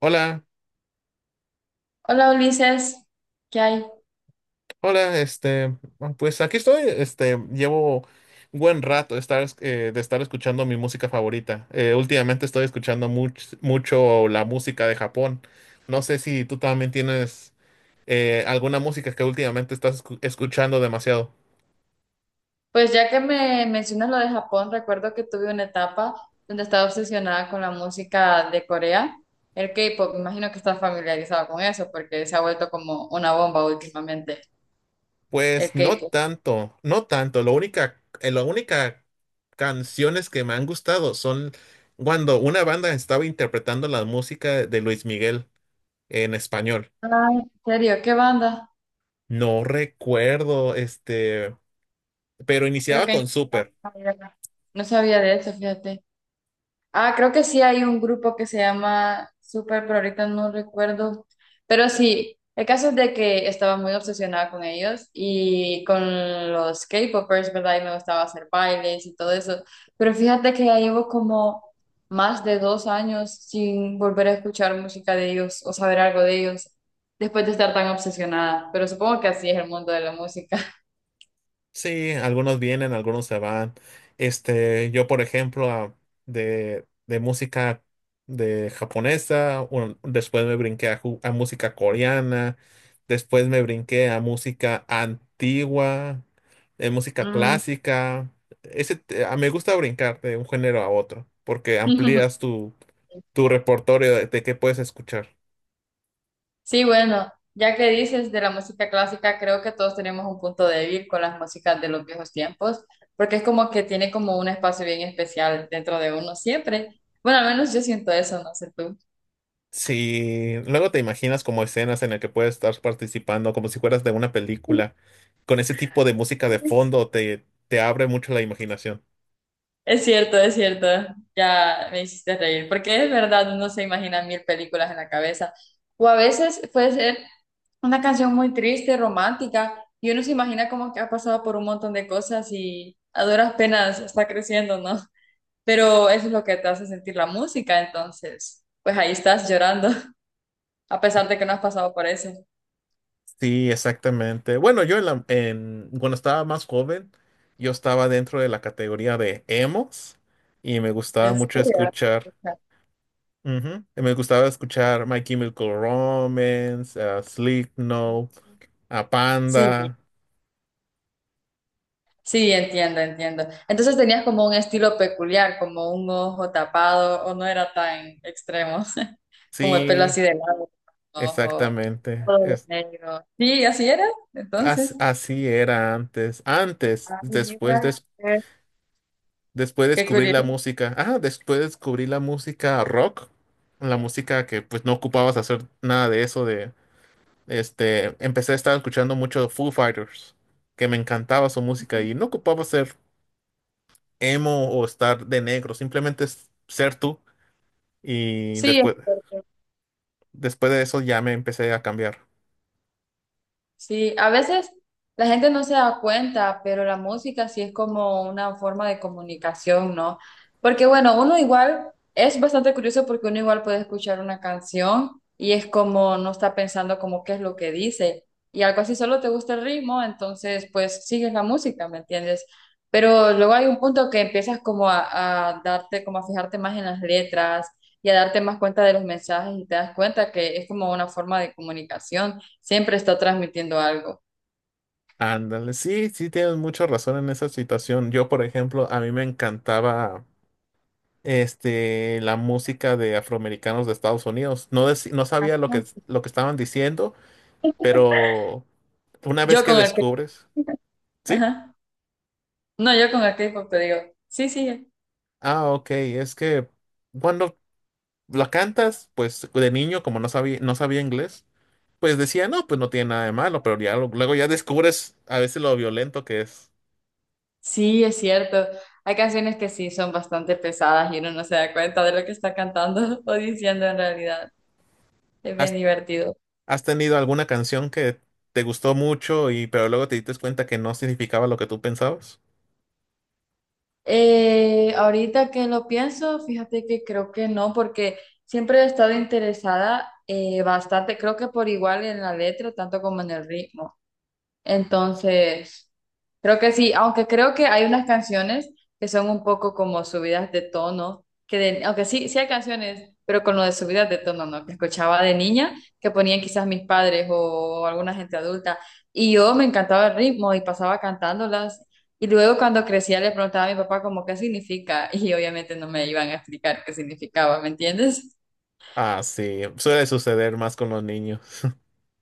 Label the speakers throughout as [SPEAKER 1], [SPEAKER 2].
[SPEAKER 1] Hola,
[SPEAKER 2] Hola Ulises, ¿qué hay?
[SPEAKER 1] hola, pues aquí estoy, llevo buen rato de estar escuchando mi música favorita. Últimamente estoy escuchando mucho la música de Japón. No sé si tú también tienes alguna música que últimamente estás escuchando demasiado.
[SPEAKER 2] Pues ya que me mencionas lo de Japón, recuerdo que tuve una etapa donde estaba obsesionada con la música de Corea, el K-pop. Me imagino que estás familiarizado con eso porque se ha vuelto como una bomba últimamente, el
[SPEAKER 1] Pues no
[SPEAKER 2] K-pop.
[SPEAKER 1] tanto, no tanto. Lo única, la única canciones que me han gustado son cuando una banda estaba interpretando la música de Luis Miguel en español.
[SPEAKER 2] Ay, ¿en serio? ¿Qué banda?
[SPEAKER 1] No recuerdo, pero
[SPEAKER 2] Creo
[SPEAKER 1] iniciaba
[SPEAKER 2] que
[SPEAKER 1] con
[SPEAKER 2] hay-
[SPEAKER 1] Super.
[SPEAKER 2] no sabía de eso, fíjate. Ah, creo que sí hay un grupo que se llama Super, pero ahorita no recuerdo. Pero sí, el caso es de que estaba muy obsesionada con ellos y con los K-popers, ¿verdad? Y me gustaba hacer bailes y todo eso. Pero fíjate que ya llevo como más de 2 años sin volver a escuchar música de ellos o saber algo de ellos después de estar tan obsesionada. Pero supongo que así es el mundo de la música.
[SPEAKER 1] Sí, algunos vienen, algunos se van. Yo, por ejemplo, de música de japonesa, después me brinqué a, a música coreana, después me brinqué a música antigua, música
[SPEAKER 2] Mm.
[SPEAKER 1] clásica. Me gusta brincar de un género a otro, porque amplías tu, tu repertorio de qué puedes escuchar.
[SPEAKER 2] Sí, bueno, ya que dices de la música clásica, creo que todos tenemos un punto débil con las músicas de los viejos tiempos, porque es como que tiene como un espacio bien especial dentro de uno siempre. Bueno, al menos yo siento eso, no sé tú.
[SPEAKER 1] Sí, luego te imaginas como escenas en las que puedes estar participando, como si fueras de una película, con ese tipo de música de fondo, te abre mucho la imaginación.
[SPEAKER 2] Es cierto, ya me hiciste reír, porque es verdad, uno se imagina mil películas en la cabeza. O a veces puede ser una canción muy triste, romántica, y uno se imagina como que ha pasado por un montón de cosas y a duras penas está creciendo, ¿no? Pero eso es lo que te hace sentir la música, entonces, pues ahí estás llorando, a pesar de que no has pasado por eso.
[SPEAKER 1] Sí, exactamente. Bueno, yo cuando estaba más joven, yo estaba dentro de la categoría de emos y me gustaba
[SPEAKER 2] ¿En
[SPEAKER 1] mucho
[SPEAKER 2] serio?
[SPEAKER 1] escuchar,
[SPEAKER 2] Pucha.
[SPEAKER 1] ujú, y me gustaba escuchar My Chemical Romance, a Slipknot, a
[SPEAKER 2] Sí,
[SPEAKER 1] Panda.
[SPEAKER 2] sí, entiendo, entiendo. Entonces tenías como un estilo peculiar, como un ojo tapado, o no era tan extremo, como el pelo
[SPEAKER 1] Sí,
[SPEAKER 2] así de lado, un ojo
[SPEAKER 1] exactamente.
[SPEAKER 2] todo negro. Sí, así era, entonces,
[SPEAKER 1] Así era antes. Antes,
[SPEAKER 2] ay, mira, qué
[SPEAKER 1] después
[SPEAKER 2] qué
[SPEAKER 1] descubrí la
[SPEAKER 2] curioso.
[SPEAKER 1] música. Después descubrí la música rock. La música que pues no ocupabas hacer nada de eso de este. Empecé a estar escuchando mucho Foo Fighters, que me encantaba su música y no ocupaba ser emo o estar de negro, simplemente es ser tú. Y
[SPEAKER 2] Sí,
[SPEAKER 1] después, después de eso ya me empecé a cambiar.
[SPEAKER 2] sí, a veces la gente no se da cuenta, pero la música sí es como una forma de comunicación, ¿no? Porque bueno, uno igual es bastante curioso porque uno igual puede escuchar una canción y es como no está pensando como qué es lo que dice y algo así, solo te gusta el ritmo, entonces pues sigues la música, ¿me entiendes? Pero luego hay un punto que empiezas como a darte, como a fijarte más en las letras y a darte más cuenta de los mensajes y te das cuenta que es como una forma de comunicación. Siempre está transmitiendo algo.
[SPEAKER 1] Ándale, sí, sí tienes mucha razón en esa situación. Yo, por ejemplo, a mí me encantaba. La música de afroamericanos de Estados Unidos. No, no
[SPEAKER 2] Ah,
[SPEAKER 1] sabía
[SPEAKER 2] no.
[SPEAKER 1] lo que estaban diciendo, pero una vez
[SPEAKER 2] Yo
[SPEAKER 1] que
[SPEAKER 2] con el K-
[SPEAKER 1] descubres, sí,
[SPEAKER 2] Ajá. No, yo con el K-pop te digo, sí, sí,
[SPEAKER 1] ah, ok, es que cuando la cantas, pues de niño, como no sabía, no sabía inglés, pues decía, no, pues no tiene nada de malo, pero ya luego ya descubres a veces lo violento que es.
[SPEAKER 2] sí, es cierto. Hay canciones que sí son bastante pesadas y uno no se da cuenta de lo que está cantando o diciendo en realidad. Es bien
[SPEAKER 1] ¿Has,
[SPEAKER 2] divertido.
[SPEAKER 1] has tenido alguna canción que te gustó mucho y pero luego te diste cuenta que no significaba lo que tú pensabas?
[SPEAKER 2] Ahorita que lo pienso, fíjate que creo que no, porque siempre he estado interesada bastante, creo que por igual en la letra, tanto como en el ritmo. Entonces, creo que sí, aunque creo que hay unas canciones que son un poco como subidas de tono, aunque sí, sí hay canciones, pero con lo de subidas de tono, ¿no? Que escuchaba de niña, que ponían quizás mis padres o alguna gente adulta, y yo me encantaba el ritmo y pasaba cantándolas, y luego cuando crecía le preguntaba a mi papá como qué significa, y obviamente no me iban a explicar qué significaba, ¿me entiendes?
[SPEAKER 1] Ah, sí, suele suceder más con los niños.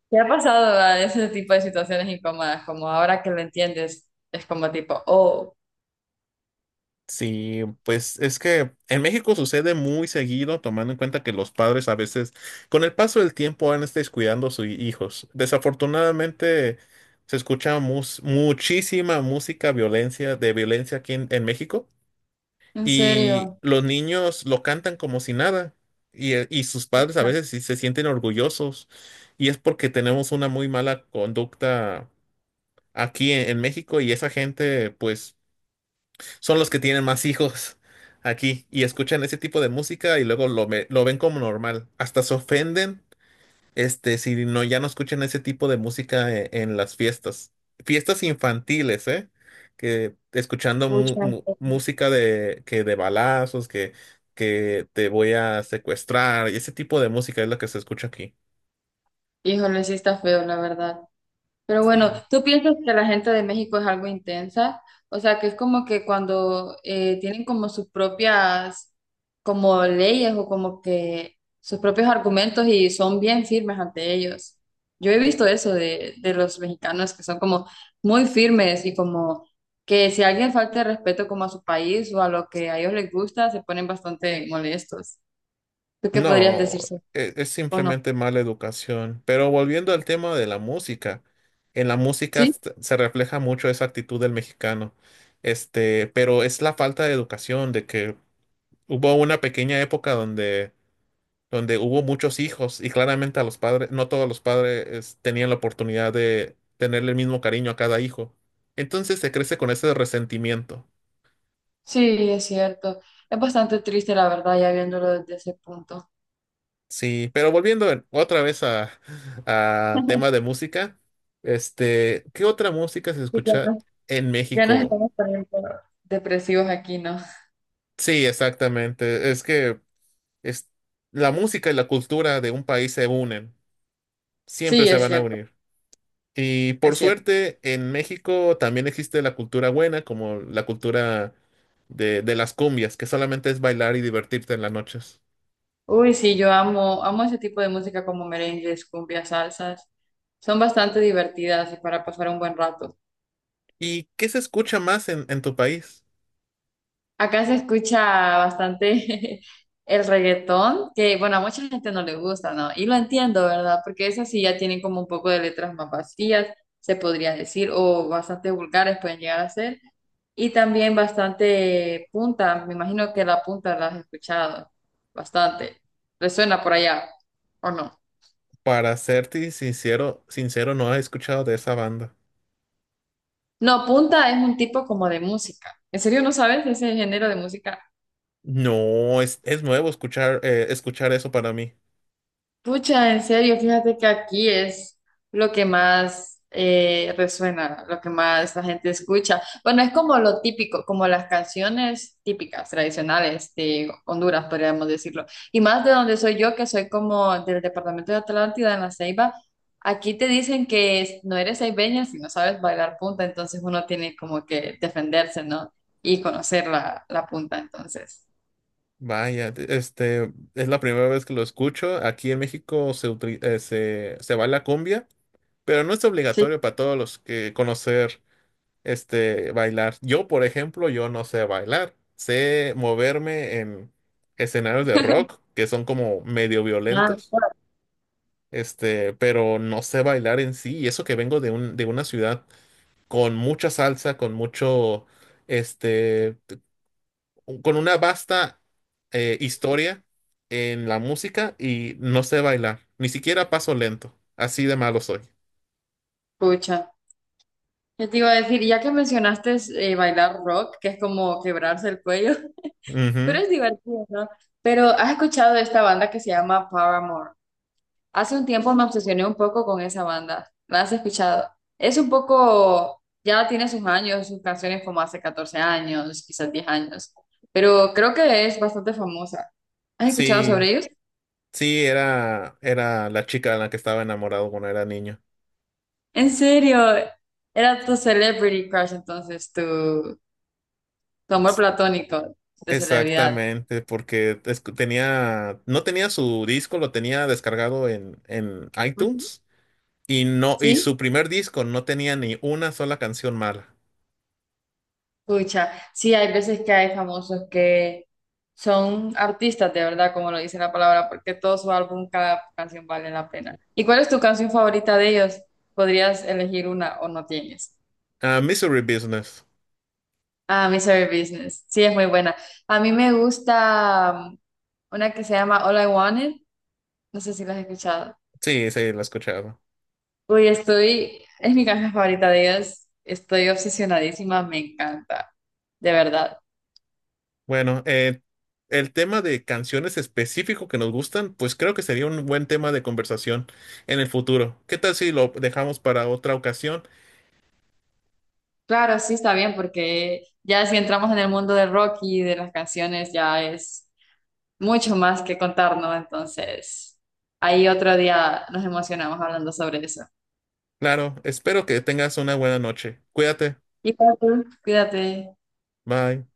[SPEAKER 2] ¿Te ha pasado a ese tipo de situaciones incómodas, como ahora que lo entiendes, es como tipo, oh?
[SPEAKER 1] Sí, pues es que en México sucede muy seguido, tomando en cuenta que los padres a veces, con el paso del tiempo, van descuidando a sus hijos. Desafortunadamente, se escucha muchísima música violencia, de violencia aquí en México,
[SPEAKER 2] En
[SPEAKER 1] y
[SPEAKER 2] serio.
[SPEAKER 1] los niños lo cantan como si nada, y sus padres a
[SPEAKER 2] Hija,
[SPEAKER 1] veces sí se sienten orgullosos, y es porque tenemos una muy mala conducta aquí en México, y esa gente, pues son los que tienen más hijos aquí y escuchan ese tipo de música y luego lo, lo ven como normal. Hasta se ofenden, si no, ya no escuchan ese tipo de música en, las fiestas. Fiestas infantiles, ¿eh? Que escuchando
[SPEAKER 2] pucha.
[SPEAKER 1] música de, que de balazos, que te voy a secuestrar, y ese tipo de música es lo que se escucha aquí.
[SPEAKER 2] Híjole, sí está feo, la verdad. Pero bueno,
[SPEAKER 1] Sí.
[SPEAKER 2] ¿tú piensas que la gente de México es algo intensa? O sea, que es como que cuando tienen como sus propias como leyes o como que sus propios argumentos y son bien firmes ante ellos. Yo he visto eso de los mexicanos que son como muy firmes y como que si alguien falta de respeto como a su país o a lo que a ellos les gusta, se ponen bastante molestos. ¿Tú qué podrías decir
[SPEAKER 1] No,
[SPEAKER 2] sobre-
[SPEAKER 1] es,
[SPEAKER 2] o no?
[SPEAKER 1] simplemente mala educación. Pero volviendo al tema de la música, en la música
[SPEAKER 2] Sí,
[SPEAKER 1] se refleja mucho esa actitud del mexicano. Pero es la falta de educación, de que hubo una pequeña época donde, donde hubo muchos hijos y claramente a los padres, no todos los padres es, tenían la oportunidad de tenerle el mismo cariño a cada hijo. Entonces se crece con ese resentimiento.
[SPEAKER 2] sí, es cierto. Es bastante triste, la verdad, ya viéndolo desde ese punto.
[SPEAKER 1] Sí, pero volviendo otra vez a tema de música, ¿qué otra música se
[SPEAKER 2] Sí, ya
[SPEAKER 1] escucha
[SPEAKER 2] no-
[SPEAKER 1] en
[SPEAKER 2] ya nos
[SPEAKER 1] México?
[SPEAKER 2] estamos poniendo depresivos aquí, ¿no?
[SPEAKER 1] Sí, exactamente. Es que es, la música y la cultura de un país se unen, siempre
[SPEAKER 2] Sí,
[SPEAKER 1] se
[SPEAKER 2] es
[SPEAKER 1] van a
[SPEAKER 2] cierto,
[SPEAKER 1] unir. Y por
[SPEAKER 2] es cierto.
[SPEAKER 1] suerte, en México también existe la cultura buena, como la cultura de las cumbias, que solamente es bailar y divertirte en las noches.
[SPEAKER 2] Uy, sí, yo amo, amo ese tipo de música como merengues, cumbias, salsas. Son bastante divertidas y para pasar un buen rato.
[SPEAKER 1] ¿Y qué se escucha más en tu país?
[SPEAKER 2] Acá se escucha bastante el reggaetón, que bueno, a mucha gente no le gusta, ¿no? Y lo entiendo, ¿verdad? Porque esas sí ya tienen como un poco de letras más vacías, se podría decir, o bastante vulgares pueden llegar a ser. Y también bastante punta, me imagino que la punta la has escuchado bastante. Resuena por allá, ¿o no?
[SPEAKER 1] Para serte sincero, sincero, no he escuchado de esa banda.
[SPEAKER 2] No, punta es un tipo como de música. ¿En serio no sabes ese género de música?
[SPEAKER 1] No, es nuevo escuchar, escuchar eso para mí.
[SPEAKER 2] Pucha, en serio, fíjate que aquí es lo que más resuena, lo que más la gente escucha. Bueno, es como lo típico, como las canciones típicas, tradicionales de Honduras, podríamos decirlo. Y más de donde soy yo, que soy como del departamento de Atlántida, en La Ceiba, aquí te dicen no eres ceibeña si no sabes bailar punta, entonces uno tiene como que defenderse, ¿no? Y conocer la, la punta, entonces.
[SPEAKER 1] Vaya, es la primera vez que lo escucho. Aquí en México se, se, se baila cumbia, pero no es
[SPEAKER 2] Sí.
[SPEAKER 1] obligatorio para todos los que conocer, bailar. Yo, por ejemplo, yo no sé bailar. Sé moverme en escenarios de rock que son como medio
[SPEAKER 2] Ah,
[SPEAKER 1] violentos, pero no sé bailar en sí. Y eso que vengo de un, de una ciudad. Con mucha salsa, con mucho, este, con una vasta historia en la música y no sé bailar, ni siquiera paso lento, así de malo soy.
[SPEAKER 2] pucha. Yo te iba a decir, ya que mencionaste bailar rock, que es como quebrarse el cuello, pero
[SPEAKER 1] Ujú.
[SPEAKER 2] es divertido, ¿no? Pero has escuchado de esta banda que se llama Paramore. Hace un tiempo me obsesioné un poco con esa banda. ¿La has escuchado? Es un poco, ya tiene sus años, sus canciones como hace 14 años, quizás 10 años, pero creo que es bastante famosa. ¿Has escuchado
[SPEAKER 1] Sí,
[SPEAKER 2] sobre ellos?
[SPEAKER 1] sí, era, era la chica de la que estaba enamorado cuando era niño.
[SPEAKER 2] En serio, era tu celebrity crush entonces, tu amor platónico de celebridad.
[SPEAKER 1] Exactamente, porque tenía, no tenía su disco, lo tenía descargado en
[SPEAKER 2] Ujú.
[SPEAKER 1] iTunes y no, y
[SPEAKER 2] ¿Sí?
[SPEAKER 1] su primer disco no tenía ni una sola canción mala.
[SPEAKER 2] Pucha, sí, hay veces que hay famosos que son artistas de verdad, como lo dice la palabra, porque todo su álbum, cada canción vale la pena. ¿Y cuál es tu canción favorita de ellos? ¿Podrías elegir una o no tienes?
[SPEAKER 1] Ah, Misery Business.
[SPEAKER 2] Ah, Misery Business. Sí, es muy buena. A mí me gusta una que se llama All I Wanted. No sé si la has escuchado.
[SPEAKER 1] Sí, sí, lo he escuchado.
[SPEAKER 2] Uy, estoy, es mi canción favorita de ellos. Estoy obsesionadísima, me encanta, de verdad.
[SPEAKER 1] Bueno, el tema de canciones específico que nos gustan, pues creo que sería un buen tema de conversación en el futuro. ¿Qué tal si lo dejamos para otra ocasión?
[SPEAKER 2] Claro, sí está bien, porque ya si entramos en el mundo del rock y de las canciones, ya es mucho más que contarnos. Entonces, ahí otro día nos emocionamos hablando sobre eso.
[SPEAKER 1] Claro, espero que tengas una buena noche. Cuídate.
[SPEAKER 2] Y cuídate. Cuídate.
[SPEAKER 1] Bye.